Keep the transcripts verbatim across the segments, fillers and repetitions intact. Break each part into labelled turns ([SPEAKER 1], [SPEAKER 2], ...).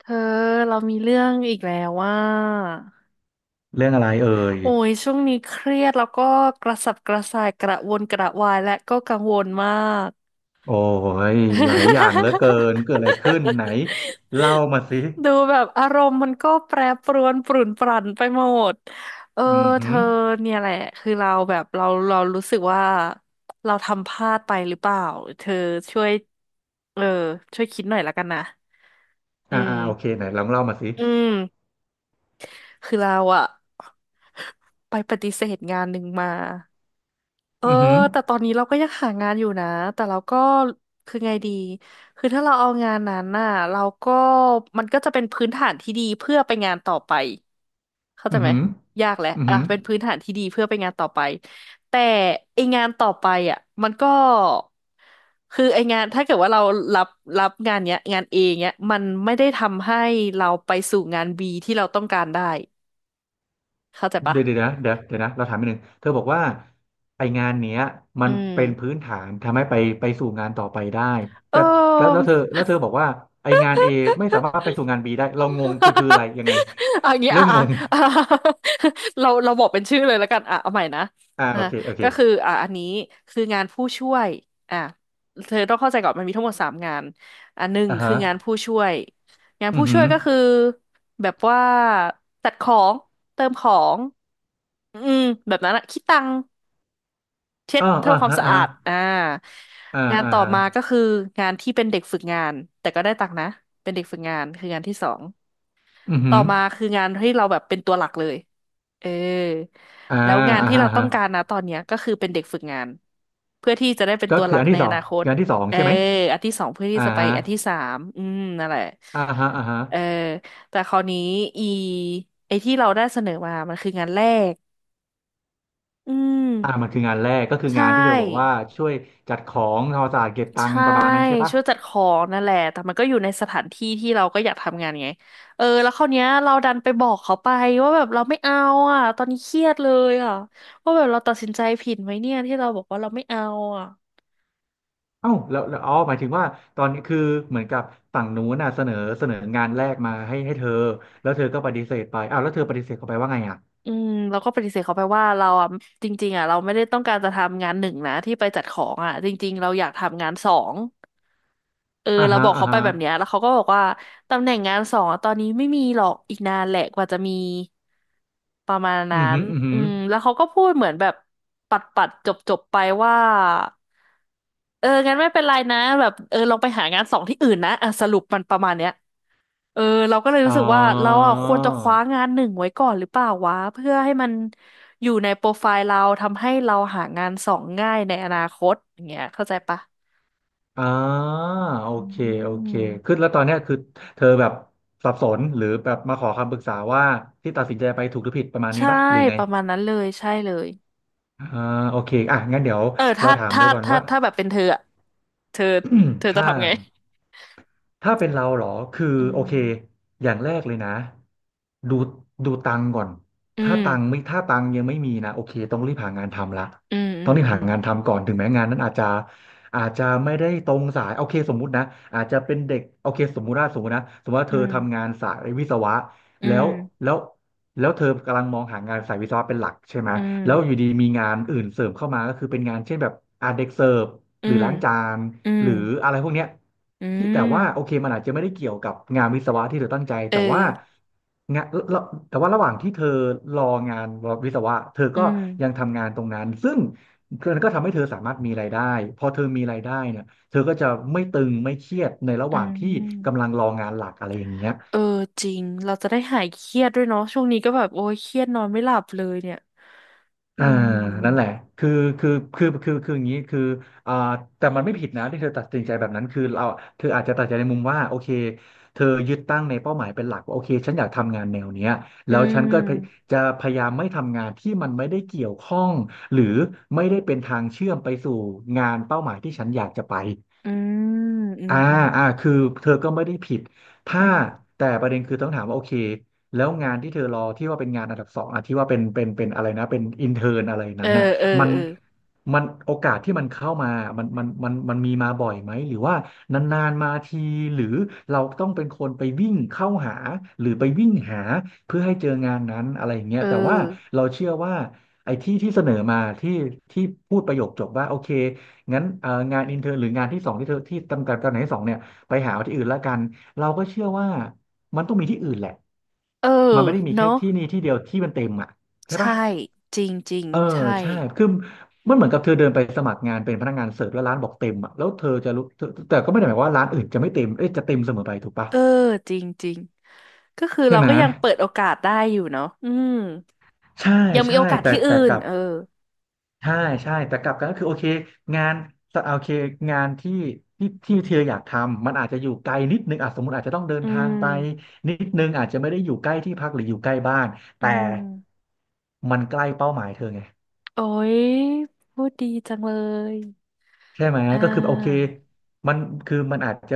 [SPEAKER 1] เธอเรามีเรื่องอีกแล้วว่า
[SPEAKER 2] เรื่องอะไรเอ่ย
[SPEAKER 1] โอ้ยช่วงนี้เครียดแล้วก็กระสับกระส่ายกระวนกระวายและก็กังวลมาก
[SPEAKER 2] โอ้ยหลายอย่างเหลือเกิน เกิ ดอะไรขึ้นไหนเล่ามาสิ
[SPEAKER 1] ดูแบบอารมณ์มันก็แปรปรวนปรุ่นปรั่นไปหมดเออ
[SPEAKER 2] อือ
[SPEAKER 1] เธ
[SPEAKER 2] หือ
[SPEAKER 1] อเนี่ยแหละคือเราแบบเราเรารู้สึกว่าเราทำพลาดไปหรือเปล่าเธอช่วยเออช่วยคิดหน่อยละกันนะอื
[SPEAKER 2] อ่าอ่า
[SPEAKER 1] ม
[SPEAKER 2] โอเคไหนลองเล่ามาสิ
[SPEAKER 1] อืมคือเราอะ ไปปฏิเสธงานหนึ่งมา เออ
[SPEAKER 2] อือหือ
[SPEAKER 1] แต่ตอนนี้เราก็ยังหางานอยู่นะแต่เราก็คือไงดีคือถ้าเราเอางานนั้นน่ะเราก็มันก็จะเป็นพื้นฐานที่ดีเพื่อไปงานต่อไปเข้าใจ
[SPEAKER 2] อือ
[SPEAKER 1] ไหม
[SPEAKER 2] หือ
[SPEAKER 1] ยากแหละ
[SPEAKER 2] อือ
[SPEAKER 1] อ่ะ
[SPEAKER 2] หือ
[SPEAKER 1] เป็นพื้นฐานที่ดีเพื่อไปงานต่อไปแต่ไองานต่อไปอ่ะมันก็คือไองานถ้าเกิดว่าเรารับรับงานเนี้ยงานเอเนี้ยมันไม่ได้ทำให้เราไปสู่งาน B ที่เราต้องการได้เข้าใจปะ
[SPEAKER 2] เดี๋ยวเดี๋ยวนะเดี๋ยวเดี๋ยวนะเราถามนิดนึงเธอบอกว่าไองานเนี้ยมั
[SPEAKER 1] อื
[SPEAKER 2] น
[SPEAKER 1] ม
[SPEAKER 2] เป็นพื้นฐานทำให้ไปไปสู่งานต่อไปได้
[SPEAKER 1] เอ
[SPEAKER 2] แต่แล้วแล้ว
[SPEAKER 1] อ
[SPEAKER 2] เธอแล้วเธอบอกว่าไองาน A ไม่สามารถไปสู่งาน บี ได้เรางงคือคืออะไรยังไง
[SPEAKER 1] อะอย่างงี้
[SPEAKER 2] เริ่
[SPEAKER 1] อ่ะ
[SPEAKER 2] ม
[SPEAKER 1] อ่ะ
[SPEAKER 2] ง ง
[SPEAKER 1] อ่ะ เราเราบอกเป็นชื่อเลยแล้วกันอ่ะเอาใหม่นะ
[SPEAKER 2] อ่า
[SPEAKER 1] อ่ะ
[SPEAKER 2] โอเคโอเค
[SPEAKER 1] ก็คืออ่ะอันนี้คืองานผู้ช่วยอ่ะเธอต้องเข้าใจก่อนมันมีทั้งหมดสามงานอ่ะหนึ่ง
[SPEAKER 2] อ่า
[SPEAKER 1] คื
[SPEAKER 2] ฮะ
[SPEAKER 1] องานผู้ช่วยงาน
[SPEAKER 2] อื
[SPEAKER 1] ผู้
[SPEAKER 2] อหื
[SPEAKER 1] ช่วย
[SPEAKER 2] อ
[SPEAKER 1] ก็คือแบบว่าจัดของเติมของอืมแบบนั้นอะคิดตังค์เช็ด
[SPEAKER 2] อ่าอ่า
[SPEAKER 1] ทำความ
[SPEAKER 2] ฮะ
[SPEAKER 1] สะ
[SPEAKER 2] อ่า
[SPEAKER 1] อา
[SPEAKER 2] ฮะ
[SPEAKER 1] ดอ่า
[SPEAKER 2] อ่า
[SPEAKER 1] งาน
[SPEAKER 2] อ่า
[SPEAKER 1] ต่อ
[SPEAKER 2] ฮะ
[SPEAKER 1] มาก็คืองานที่เป็นเด็กฝึกงานแต่ก็ได้ตังค์นะเป็นเด็กฝึกงานคืองานที่สอง
[SPEAKER 2] อือ
[SPEAKER 1] ต่
[SPEAKER 2] หื
[SPEAKER 1] อ
[SPEAKER 2] อ
[SPEAKER 1] มาคืองานที่เราแบบเป็นตัวหลักเลยเออ
[SPEAKER 2] อ่า
[SPEAKER 1] แล้วงาน
[SPEAKER 2] อ่า
[SPEAKER 1] ที่
[SPEAKER 2] ฮะ
[SPEAKER 1] เรา
[SPEAKER 2] อ่า
[SPEAKER 1] ต้อ
[SPEAKER 2] ฮะ
[SPEAKER 1] งการนะตอนเนี้ยก็คือเป็นเด็กฝึกงานเพื่อที่จะได้เป็น
[SPEAKER 2] ก็
[SPEAKER 1] ตัวห
[SPEAKER 2] คือ
[SPEAKER 1] ลัก
[SPEAKER 2] อัน
[SPEAKER 1] ใน
[SPEAKER 2] ที่ส
[SPEAKER 1] อ
[SPEAKER 2] อง
[SPEAKER 1] นาคต
[SPEAKER 2] งานที่สอง
[SPEAKER 1] เออ
[SPEAKER 2] ใช่ไหม
[SPEAKER 1] อันที่สองเพื่อที่
[SPEAKER 2] อ่า
[SPEAKER 1] จะไป
[SPEAKER 2] ฮะ
[SPEAKER 1] อันที่สามอืมนั่นแหละ
[SPEAKER 2] อ่าฮะอ่าฮะ
[SPEAKER 1] เออแต่คราวนี้อีไอที่เราได้เสนอมามันคืองานแรกอืม
[SPEAKER 2] อ่ามันคืองานแรกก็คือ
[SPEAKER 1] ใช
[SPEAKER 2] งานที่เธอบอกว่า
[SPEAKER 1] ่
[SPEAKER 2] ช่วยจัดของทำความสะอาดเก็บตัง
[SPEAKER 1] ใช่
[SPEAKER 2] ค์ประมาณนั้นใช่ปะ
[SPEAKER 1] ช่วยจัดของนั่นแหละแต่มันก็อยู่ในสถานที่ที่เราก็อยากทำงานไงเออแล้วคราวเนี้ยเราดันไปบอกเขาไปว่าแบบเราไม่เอาอ่ะตอนนี้เครียดเลยอ่ะว่าแบบเราตัดสินใจผิดไหมเนี่ยที่เราบอกว่าเราไม่เอาอ่ะ
[SPEAKER 2] เอ้าแล้วแล้วอ๋อหมายถึงว่าตอนนี้คือเหมือนกับฝั่งนู้นน่ะเสนอเสนองานแรกมาให้ให้เธอ แล้วเธอก็ปฏิเสธไปอ้าวแล้วเธอปฏิเสธเขาไปว่าไงอ่ะ
[SPEAKER 1] อืมเราก็ปฏิเสธเขาไปว่าเราอ่ะจริงๆอ่ะเราไม่ได้ต้องการจะทำงานหนึ่งนะที่ไปจัดของอ่ะจริงๆเราอยากทำงานสองเออ
[SPEAKER 2] อ่า
[SPEAKER 1] เรา
[SPEAKER 2] ฮะ
[SPEAKER 1] บอก
[SPEAKER 2] อ่า
[SPEAKER 1] เขาไป
[SPEAKER 2] ฮะ
[SPEAKER 1] แบบเนี้ยแล้วเขาก็บอกว่า ตำแหน่งงานสองอะตอนนี้ไม่มีหรอกอีกนานแหละกว่าจะมีประมาณนั้
[SPEAKER 2] อือ
[SPEAKER 1] น
[SPEAKER 2] หืออือหื
[SPEAKER 1] อื
[SPEAKER 2] อ
[SPEAKER 1] มแล้วเขาก็พูดเหมือนแบบปัดปัดจบจบไปว่าเอองั้นไม่เป็นไรนะแบบเออลองไปหางานสองที่อื่นนะอ่ะสรุปมันประมาณเนี้ยเออเราก็เลย
[SPEAKER 2] อ๋
[SPEAKER 1] รู้
[SPEAKER 2] อ
[SPEAKER 1] สึกว่าเราอ่ะควรจะคว้างานหนึ่งไว้ก่อนหรือเปล่าวะเพื่อให้มันอยู่ในโปรไฟล์เราทำให้เราหางานสองง่ายในอนาคตอย่างเงี้ยเข้าใจปะ
[SPEAKER 2] อ่าโอ
[SPEAKER 1] อื
[SPEAKER 2] เคโอเคคือ
[SPEAKER 1] ม
[SPEAKER 2] แล้วตอนเนี้ยคือเธอแบบสับสนหรือแบบมาขอคำปรึกษาว่าที่ตัดสินใจไปถูกหรือผิดประมาณนี้
[SPEAKER 1] ใช่
[SPEAKER 2] ปะหรือไง
[SPEAKER 1] ประมาณนั้นเลยใช่เลย
[SPEAKER 2] อ่าโอเคอ่ะงั้นเดี๋ยว
[SPEAKER 1] เออ
[SPEAKER 2] เรา
[SPEAKER 1] ถ้า
[SPEAKER 2] ถาม
[SPEAKER 1] ถ้า
[SPEAKER 2] ด้วยก่อน
[SPEAKER 1] ถ้า
[SPEAKER 2] ว่า
[SPEAKER 1] ถ้าแบบเป็นเธออะเธอเธอ จะ
[SPEAKER 2] ถ้า
[SPEAKER 1] ทำไง
[SPEAKER 2] ถ้าเป็นเราเหรอคือ
[SPEAKER 1] อื
[SPEAKER 2] โอเค
[SPEAKER 1] ม
[SPEAKER 2] อย่างแรกเลยนะ ดูดูตังค์ก่อน
[SPEAKER 1] อื
[SPEAKER 2] ถ้า
[SPEAKER 1] ม
[SPEAKER 2] ตังค์ไม่ถ้าตังค์ยังไม่มีนะโอเคต้องรีบหางานทำละ
[SPEAKER 1] อืม
[SPEAKER 2] ต้องรีบ
[SPEAKER 1] อื
[SPEAKER 2] หา
[SPEAKER 1] ม
[SPEAKER 2] งานทำก่อน ถึงแม้งานนั้นอาจจะอาจจะไม่ได้ตรงสายโอเคสมมุตินะอาจจะเป็นเด็กโอเคสมมุติว่าสมมุตินะสมมุติว่า
[SPEAKER 1] อื
[SPEAKER 2] เธอ
[SPEAKER 1] ม
[SPEAKER 2] ทำงานสายวิศวะ
[SPEAKER 1] อื
[SPEAKER 2] แล้
[SPEAKER 1] ม
[SPEAKER 2] วแล้วแล้วเธอกำลังมองหางานสายวิศวะเป็นหลักใช่ไหม
[SPEAKER 1] อืม
[SPEAKER 2] แล้วอยู่ดีมีงานอื่นเสริมเข้ามาก็คือเป็นงานเช่นแบบอาเด็กเสิร์ฟ
[SPEAKER 1] อื
[SPEAKER 2] หรือ
[SPEAKER 1] ม
[SPEAKER 2] ล้างจาน
[SPEAKER 1] อืม
[SPEAKER 2] หรืออะไรพวกเนี้ย
[SPEAKER 1] อื
[SPEAKER 2] ที่
[SPEAKER 1] ม
[SPEAKER 2] แต่ว่า
[SPEAKER 1] อื
[SPEAKER 2] โอเค
[SPEAKER 1] ม
[SPEAKER 2] มันอาจจะไม่ได้เกี่ยวกับงานวิศวะที่เธอตั้งใจ
[SPEAKER 1] เออ
[SPEAKER 2] แต่ว่างานแล้วแต่ว่าระหว่างที่เธอรองานวิศวะเธอ
[SPEAKER 1] อื
[SPEAKER 2] ก็ยัง
[SPEAKER 1] ม
[SPEAKER 2] ทำงานตรงนั้นซึ่งมันก็ทำให้เธอสามารถมีรายได้พอเธอมีรายได้เนี่ยเธอก็จะไม่ตึงไม่เครียดในระห
[SPEAKER 1] อื
[SPEAKER 2] ว่างที่
[SPEAKER 1] ม
[SPEAKER 2] กำลังรองานหลักอะไรอย่างเงี้ย
[SPEAKER 1] เออจริงเราจะได้หายเครียดด้วยเนาะช่วงนี้ก็แบบโอ้ยเครียดนอนไม่หลับเลยเนี่ยอื
[SPEAKER 2] อ่านั่นแหละ
[SPEAKER 1] ม
[SPEAKER 2] คือคือคือคือคืออย่างนี้คืออ่าแต่มันไม่ผิดนะที่เธอตัดสินใจแบบนั้นคือเราเธออาจจะตัดใจในมุมว่าโอเคเธอยึดตั้งในเป้าหมายเป็นหลักว่าโอเคฉันอยากทำงานแนวเนี้ย
[SPEAKER 1] อื
[SPEAKER 2] แล้วฉันก็พย
[SPEAKER 1] ม
[SPEAKER 2] จะพยายามไม่ทำงานที่มันไม่ได้เกี่ยวข้องหรือไม่ได้เป็นทางเชื่อมไปสู่งานเป้าหมายที่ฉันอยากจะไป
[SPEAKER 1] อืมอืม
[SPEAKER 2] อ่า
[SPEAKER 1] อืม
[SPEAKER 2] อ่าคือเธอก็ไม่ได้ผิด
[SPEAKER 1] อื
[SPEAKER 2] ถ้า
[SPEAKER 1] ม
[SPEAKER 2] แต่ประเด็นคือต้องถามว่าโอเคแล้วงานที่เธอรอที่ว่าเป็นงานอันดับสองอ่ะที่ว่าเป็นเป็นเป็นอะไรนะเป็นอินเทอร์นอะไร
[SPEAKER 1] เอ
[SPEAKER 2] นั้
[SPEAKER 1] อ
[SPEAKER 2] นน่ะ
[SPEAKER 1] เออ
[SPEAKER 2] มัน
[SPEAKER 1] เออ
[SPEAKER 2] มันโอกาสที่มันเข้ามามันมันมันมันมีมาบ่อยไหมหรือว่านานๆมาทีหรือเราต้องเป็นคนไปวิ่งเข้าหาหรือไปวิ่งหาเพื่อให้เจองานนั้นอะไรอย่างเงี้
[SPEAKER 1] เอ
[SPEAKER 2] ยแต่ว่า
[SPEAKER 1] อ
[SPEAKER 2] เราเชื่อว่าไอ้ที่ที่เสนอมาที่ที่พูดประโยคจบว่าโอเค งั้นเอ่องานอินเทอร์หรืองานที่สองที่เธอที่ตำกับตำแหน่งที่สองเนี่ยไปหาเอาที่อื่นละกันเราก็เชื่อว่ามันต้องมีที่อื่นแหละ
[SPEAKER 1] เออ
[SPEAKER 2] มันไม่ได้มีแค่
[SPEAKER 1] เนาะ
[SPEAKER 2] ที่นี่ที่เดียวที่มันเต็มอ่ะใช่
[SPEAKER 1] ใช่
[SPEAKER 2] ปะ
[SPEAKER 1] จริงจริง
[SPEAKER 2] เออ
[SPEAKER 1] ใช่
[SPEAKER 2] ใช่คือมันเหมือนกับเธอเดินไปสมัครงานเป็นพนักงานเสิร์ฟแล้วร้านบอกเต็มอ่ะแล้วเธอจะรู้เธอแต่ก็ไม่ได้หมายความว่าร้านอื่นจะไม่เต็มเอ้ยจะเต็มเสมอไปถูกปะ
[SPEAKER 1] เออจริงจริงก็คือ
[SPEAKER 2] ใช่
[SPEAKER 1] เรา
[SPEAKER 2] ไหม
[SPEAKER 1] ก็ยังเปิดโอกาสได้อยู่เนาะอืม
[SPEAKER 2] ใช่
[SPEAKER 1] ยังมี
[SPEAKER 2] ใช่
[SPEAKER 1] โอกาส
[SPEAKER 2] แต่
[SPEAKER 1] ที่อื่
[SPEAKER 2] แต่ก
[SPEAKER 1] น
[SPEAKER 2] ลับ
[SPEAKER 1] เออ
[SPEAKER 2] ใช่ใช่แต่กลับกันก็คือโอเคงานโอเคงานที่ที่ที่เธออยากทำมันอาจจะอยู่ไกลนิดนึงอ่ะสมมติอาจจะต้องเดิน
[SPEAKER 1] อื
[SPEAKER 2] ทาง
[SPEAKER 1] ม
[SPEAKER 2] ไปนิดนึงอาจจะไม่ได้อยู่ใกล้ที่พักหรืออยู่ใกล้บ้าน
[SPEAKER 1] อื
[SPEAKER 2] แต่
[SPEAKER 1] ม
[SPEAKER 2] มันใกล้เป้าหมายเธอไง
[SPEAKER 1] โอ้ยพูดดีจังเลย
[SPEAKER 2] ใช่ไหม
[SPEAKER 1] อ่
[SPEAKER 2] ก็คือโอเค
[SPEAKER 1] า
[SPEAKER 2] มันคือมันอาจจะ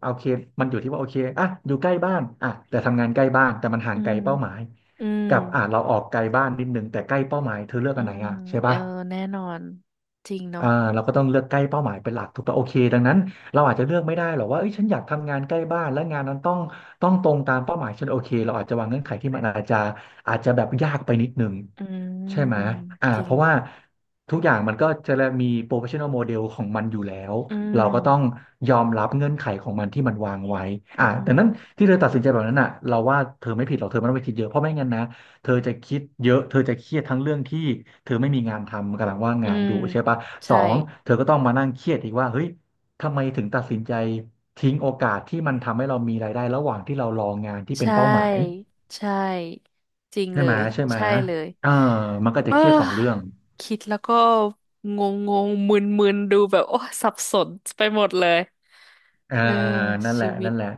[SPEAKER 2] โอเคมันอยู่ที่ว่าโอเคอ่ะอยู่ใกล้บ้านอ่ะแต่ทำงานใกล้บ้านแต่มันห่า
[SPEAKER 1] อื
[SPEAKER 2] งไกล
[SPEAKER 1] ม
[SPEAKER 2] เป้าหมาย
[SPEAKER 1] อืม
[SPEAKER 2] กับอ่ะเราออกไกลบ้านนิดนึงแต่ใกล้เป้าหมายเธอเลือก
[SPEAKER 1] อื
[SPEAKER 2] อันไหน
[SPEAKER 1] ม
[SPEAKER 2] อ่ะใช่
[SPEAKER 1] เออ
[SPEAKER 2] ปะ
[SPEAKER 1] แน่นอนจริงเนาะ
[SPEAKER 2] อ่าเราก็ต้องเลือกใกล้เป้าหมายเป็นหลักถูกป่ะโอเคดังนั้นเราอาจจะเลือกไม่ได้หรอกว่าเอ้ยฉันอยากทำงานใกล้บ้านและงานนั้นต้องต้องตรงตามเป้าหมายฉันโอเคเราอาจจะวางเงื่อนไขที่มันอาจจะอาจจะแบบยากไปนิดนึง
[SPEAKER 1] อืม
[SPEAKER 2] ใช่ไหม
[SPEAKER 1] อืม
[SPEAKER 2] อ่า
[SPEAKER 1] จริ
[SPEAKER 2] เพ
[SPEAKER 1] ง
[SPEAKER 2] ราะว่าทุกอย่างมันก็จะมี โปรเฟสชันแนล โมเดล ของมันอยู่แล้ว
[SPEAKER 1] อื
[SPEAKER 2] เราก็ต้อง
[SPEAKER 1] ม
[SPEAKER 2] ยอมรับเงื่อนไขของมันที่มันวางไว้
[SPEAKER 1] อื
[SPEAKER 2] อ่าดั
[SPEAKER 1] ม
[SPEAKER 2] งนั้นที่เธอตัดสินใจแบบนั้นอ่ะเราว่าเธอไม่ผิดหรอกเธอไม่ต้องไปคิดเยอะเพราะไม่งั้นนะ เธอจะคิดเยอะเธอจะเครียดทั้งเรื่องที่เธอไม่มีงานทำกำลังว่าง
[SPEAKER 1] อื
[SPEAKER 2] งาน
[SPEAKER 1] ม
[SPEAKER 2] อยู่ใช่ปะสอ
[SPEAKER 1] ใช่
[SPEAKER 2] งเธอก็ต้องมานั่งเครียดอีกว่าเฮ้ยทำไมถึงตัดสินใจทิ้งโอกาสที่มันทำให้เรามีรายได้ระหว่างที่เรารองานที่
[SPEAKER 1] ใช
[SPEAKER 2] เป็นเป้าหมาย
[SPEAKER 1] ่ใช่จริง
[SPEAKER 2] ใช่
[SPEAKER 1] เล
[SPEAKER 2] ไหม
[SPEAKER 1] ย
[SPEAKER 2] ใช่ไหม
[SPEAKER 1] ใช่เลย
[SPEAKER 2] เออมันก็จะ
[SPEAKER 1] เอ
[SPEAKER 2] เครียดสองเรื่อง
[SPEAKER 1] อคิดแล้วก็งงงงมึนมึนๆดูแบบโอ้สับสนไปหมดเลย
[SPEAKER 2] อ่า
[SPEAKER 1] เออ
[SPEAKER 2] นั่นแห
[SPEAKER 1] ชี
[SPEAKER 2] ละ
[SPEAKER 1] วิต
[SPEAKER 2] นั่นแหละ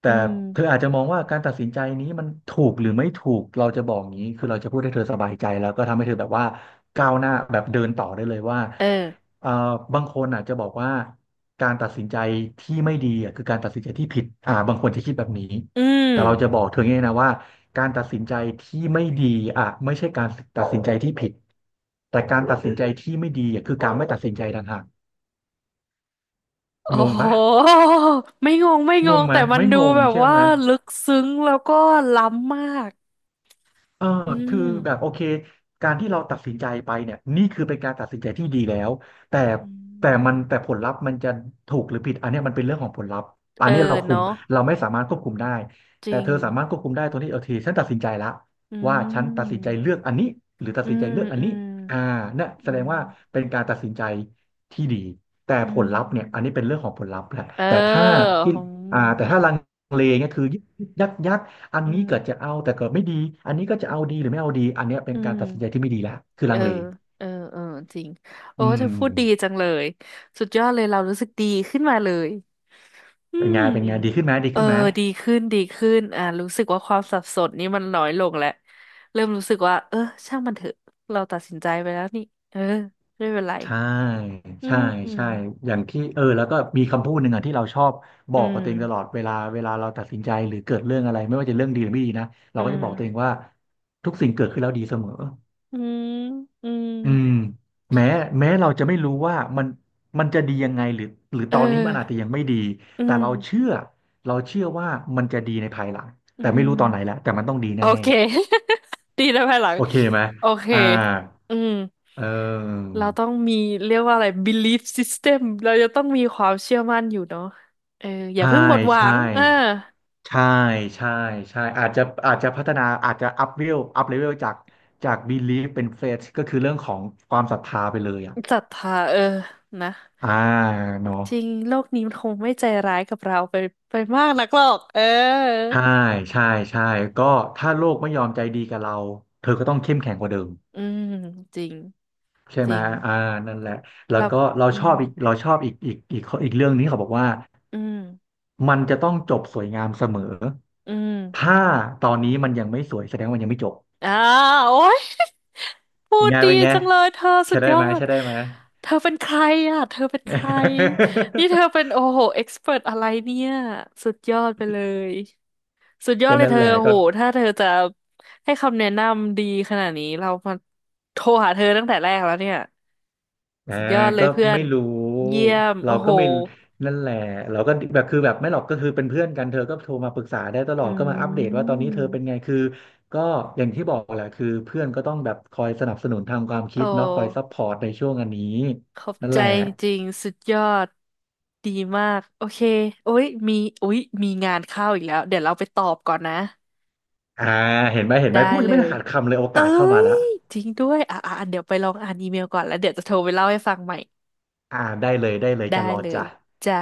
[SPEAKER 2] แต่
[SPEAKER 1] อืม
[SPEAKER 2] เธออาจจะมองว่าการตัดสินใจนี้มันถูกหรือไม่ถูกเราจะบอกงี้คือเราจะพูดให้เธอสบายใจแล้วก็ทำให้เธอแบบว่าก้าวหน้าแบบเดินต่อได้เลยว่า
[SPEAKER 1] เออ
[SPEAKER 2] เอ่อบางคนอาจจะบอกว่าการตัดสินใจที่ไม่ดีอ่ะคือการตัดสินใจที่ผิดอ่าบางคนจะคิดแบบนี้
[SPEAKER 1] อื
[SPEAKER 2] แต่เราจะ
[SPEAKER 1] ม
[SPEAKER 2] บอกเธอไงนะว่าการตัดสินใจที่ไม่ดีอ่ะไม่ใช่การตัดสินใจที่ผิดแต่การตัดสินใจที่ไม่ดีอ่ะคือการไม่ตัดสินใจต่างหากง
[SPEAKER 1] โอ้
[SPEAKER 2] ง
[SPEAKER 1] โห
[SPEAKER 2] ปะ
[SPEAKER 1] ไม่งงไม่ง
[SPEAKER 2] งง
[SPEAKER 1] ง
[SPEAKER 2] ไหม
[SPEAKER 1] แต่มัน
[SPEAKER 2] ไม่
[SPEAKER 1] ดู
[SPEAKER 2] งง
[SPEAKER 1] แบบ
[SPEAKER 2] ใช่
[SPEAKER 1] ว่า
[SPEAKER 2] ไหม
[SPEAKER 1] ลึกซึ้งแล้วก็ล้ำมาก
[SPEAKER 2] เออ
[SPEAKER 1] อื
[SPEAKER 2] คือ
[SPEAKER 1] ม
[SPEAKER 2] แบบโอเคการที่เราตัดสินใจไปเนี่ยนี่คือเป็นการตัดสินใจที่ดีแล้วแต่
[SPEAKER 1] อืม
[SPEAKER 2] แต่มันแต่ผลลัพธ์มันจะถูกหรือผิดอันเนี้ยมันเป็นเรื่องของผลลัพธ์อั
[SPEAKER 1] เอ
[SPEAKER 2] น
[SPEAKER 1] อ
[SPEAKER 2] เนี้ยเราคุม
[SPEAKER 1] เนาะ
[SPEAKER 2] เราไม่สามารถควบคุมได้
[SPEAKER 1] จ
[SPEAKER 2] แต่
[SPEAKER 1] ริง
[SPEAKER 2] เธอสามารถควบคุมได้ตรงที่โอเคฉันตัดสินใจละ
[SPEAKER 1] อื
[SPEAKER 2] ว่าฉันตัดสินใจ
[SPEAKER 1] ม
[SPEAKER 2] เลือกอันนี้หรือตัด
[SPEAKER 1] อื
[SPEAKER 2] สินใจ
[SPEAKER 1] ม
[SPEAKER 2] เลือกอัน
[SPEAKER 1] อื
[SPEAKER 2] นี้
[SPEAKER 1] ม
[SPEAKER 2] อ่าเนี่ย
[SPEAKER 1] อื
[SPEAKER 2] แสดง
[SPEAKER 1] ม
[SPEAKER 2] ว่าเป็นการตัดสินใจที่ดีแต่
[SPEAKER 1] อื
[SPEAKER 2] ผล
[SPEAKER 1] ม
[SPEAKER 2] ลัพธ์เนี่ยอันนี้เป็นเรื่องของผลลัพธ์แหละ
[SPEAKER 1] เอ
[SPEAKER 2] แต่ถ้า
[SPEAKER 1] อ
[SPEAKER 2] ที่อ่าแต่ถ้าลังเลเนี่ยคือยึกยักยัก อัน
[SPEAKER 1] อืมอื
[SPEAKER 2] นี้เกิด
[SPEAKER 1] ม
[SPEAKER 2] จะเอาแต่เกิดไม่ดีอันนี้ก็จะเอาดีหรือไม่เอาดีอันเนี้ยเป็น
[SPEAKER 1] อื
[SPEAKER 2] การตัดสินใจ
[SPEAKER 1] ม
[SPEAKER 2] ที่ไม่ดีละคือ
[SPEAKER 1] เอ
[SPEAKER 2] ลั
[SPEAKER 1] อ
[SPEAKER 2] งเล
[SPEAKER 1] เออ เออ จริง โอ้
[SPEAKER 2] อื
[SPEAKER 1] เธ
[SPEAKER 2] ม
[SPEAKER 1] อพูดดีจังเลย สุดยอดเลยเรารู้สึกดีขึ้นมาเลย อื
[SPEAKER 2] เป็น
[SPEAKER 1] ม
[SPEAKER 2] ไงเป็นไงดีขึ้นไหมดี
[SPEAKER 1] เออ
[SPEAKER 2] ขึ้นไหม
[SPEAKER 1] ดีขึ้นดีขึ้นอ่ารู้สึกว่าความสับสนนี่มันน้อยลงแล้วเริ่มรู้สึกว่าเออช่างมันเถอะเราตัดสินใจไปแล้วนี่เออไม่เป็นไร
[SPEAKER 2] ใช่
[SPEAKER 1] อื
[SPEAKER 2] ใช่ใช่
[SPEAKER 1] ม
[SPEAKER 2] อย่างที่เออแล้วก็มีคำพูดหนึ่งอ่ะที่เราชอบบ
[SPEAKER 1] อื
[SPEAKER 2] อกกับตัวเองตลอ
[SPEAKER 1] ม
[SPEAKER 2] ดเวลาเวลาเราตัดสินใจหรือเกิดเรื่องอะไรไม่ว่าจะเรื่องดีหรือไม่ดีนะเรา
[SPEAKER 1] อื
[SPEAKER 2] ก็จะ
[SPEAKER 1] ม
[SPEAKER 2] บอกตัวเองว่าทุกสิ่งเกิดขึ้นแล้วดีเสมอ
[SPEAKER 1] อืมอืม
[SPEAKER 2] อืมแม้แม้เราจะไม่รู้ว่ามันมันจะดียังไงหรือหรือ
[SPEAKER 1] เอ
[SPEAKER 2] ตอนนี้มันอาจจะ
[SPEAKER 1] อ
[SPEAKER 2] ยังไม่ดี
[SPEAKER 1] อื
[SPEAKER 2] แต่
[SPEAKER 1] ม
[SPEAKER 2] เราเชื่อเราเชื่อว่ามันจะดีในภายหลัง
[SPEAKER 1] อื
[SPEAKER 2] แต่ไม่
[SPEAKER 1] ม
[SPEAKER 2] รู้ตอนไหนแล้วแต่มันต้องดี
[SPEAKER 1] โอ
[SPEAKER 2] แน่
[SPEAKER 1] เค ดีแลภายหลั
[SPEAKER 2] ๆ
[SPEAKER 1] ง
[SPEAKER 2] โอเคไหม
[SPEAKER 1] โอเค
[SPEAKER 2] อ่า
[SPEAKER 1] อืม
[SPEAKER 2] เออ
[SPEAKER 1] เราต้องมีเรียกว่าอะไร บี ลีฟ ซิส เท็ม เราจะต้องมีความเชื่อมั่นอยู่เนาะเอออย่า
[SPEAKER 2] ใช่
[SPEAKER 1] เพิ่งหมดหวั
[SPEAKER 2] ใช่
[SPEAKER 1] งเออ
[SPEAKER 2] ใช่ใช่ใช่อาจจะอาจจะพัฒนาอาจจะอัพเลเวลอัพเลเวลจากจาก บีลีฟ เป็น เฟธ ก็คือเรื่องของความศรัทธาไปเลยอ่ะ
[SPEAKER 1] ศรัทธาเออนะ
[SPEAKER 2] อ่าเนาะ
[SPEAKER 1] จริงโลกนี้มันคงไม่ใจร้ายกับเราไปไปมากนักหรอกเออ
[SPEAKER 2] ใช่ใช่ใช่ก็ถ้าโลกไม่ยอมใจดีกับเราเธอก็ต้องเข้มแข็งกว่าเดิม
[SPEAKER 1] อืมจริง
[SPEAKER 2] ใช่
[SPEAKER 1] จ
[SPEAKER 2] ไหม
[SPEAKER 1] ริง
[SPEAKER 2] อ่านั่นแหละแล้ว
[SPEAKER 1] เรา
[SPEAKER 2] ก็เรา
[SPEAKER 1] อื
[SPEAKER 2] ชอ
[SPEAKER 1] ม
[SPEAKER 2] บอีกเราชอบอีกอีกอีกข้ออีกเรื่องนี้เขาบอกว่า
[SPEAKER 1] อืม
[SPEAKER 2] มันจะต้องจบสวยงามเสมอ
[SPEAKER 1] อืม
[SPEAKER 2] ถ้าตอนนี้มันยังไม่สวยแสดงว่ามันยังไม่จบ
[SPEAKER 1] อ่าโอ๊ย พู
[SPEAKER 2] ยัง
[SPEAKER 1] ด
[SPEAKER 2] ไง
[SPEAKER 1] ดี
[SPEAKER 2] เป็นไง
[SPEAKER 1] จังเลยเธอ
[SPEAKER 2] ใช่
[SPEAKER 1] สุด
[SPEAKER 2] ได้
[SPEAKER 1] ยอ
[SPEAKER 2] ไหม
[SPEAKER 1] ด
[SPEAKER 2] ใช่ได้ไหม
[SPEAKER 1] เธอเป็นใครอ่ะเธอเป็นใครนี่เธอเป็น โอ้โหเอ็กซ์เพรอะไรเนี่ยสุดยอดไปเลยสุดยอด
[SPEAKER 2] ก็
[SPEAKER 1] เลย
[SPEAKER 2] นั่น
[SPEAKER 1] เธ
[SPEAKER 2] แห
[SPEAKER 1] อ
[SPEAKER 2] ละ
[SPEAKER 1] โอ้
[SPEAKER 2] ก็
[SPEAKER 1] โหถ้าเธอจะให้คำแนะนำดีขนาดนี้เรามาโทรหาเธอตั้งแต่แรกแล้วเนี่ย
[SPEAKER 2] อ่า
[SPEAKER 1] สุดยอดเลย
[SPEAKER 2] ก็
[SPEAKER 1] เพื่อน
[SPEAKER 2] ไม่รู้
[SPEAKER 1] เยี่ยม
[SPEAKER 2] เรา
[SPEAKER 1] โอ้โห
[SPEAKER 2] ก็ไม่นั่นแหละเราก็แบบคือแบบไม่หรอกก็คือเป็นเพื่อนกันเธอก็โทรมาปรึกษาได้ตลอ
[SPEAKER 1] อื
[SPEAKER 2] ด ก็มาอัปเดตว่าตอนนี้เธอเป็นไง
[SPEAKER 1] ม
[SPEAKER 2] คือก็อย่างที่บอกแหละคือเพื่อนก็ต้องแบบคอยสนับสนุนทางความ
[SPEAKER 1] โอ
[SPEAKER 2] คิดเนาะคอยซัพ
[SPEAKER 1] ้
[SPEAKER 2] พอร์ตในช่วงอันนี้
[SPEAKER 1] ขอบ
[SPEAKER 2] นั่น
[SPEAKER 1] ใจ
[SPEAKER 2] แหละ
[SPEAKER 1] จริงๆสุดยอดดีมากโอเคโอ้ยมีโอ้ยมีงานเข้าอีกแล้วเดี๋ยวเราไปตอบก่อนนะ
[SPEAKER 2] อ่าเห็นไหมเห็นไหม
[SPEAKER 1] ได้
[SPEAKER 2] พูดยั
[SPEAKER 1] เล
[SPEAKER 2] งไม่
[SPEAKER 1] ย
[SPEAKER 2] ขาดคำเลยโอ
[SPEAKER 1] เอ้
[SPEAKER 2] กาสเข้ามา
[SPEAKER 1] ย
[SPEAKER 2] ละ
[SPEAKER 1] จริงด้วยอ่ะอ่ะเดี๋ยวไปลองอ่านอีเมลก่อนแล้วเดี๋ยวจะโทรไปเล่าให้ฟังใหม่
[SPEAKER 2] อ่าได้เลยได้เลย
[SPEAKER 1] ได้
[SPEAKER 2] จะรอ
[SPEAKER 1] เลย
[SPEAKER 2] จ้ะ
[SPEAKER 1] จ้า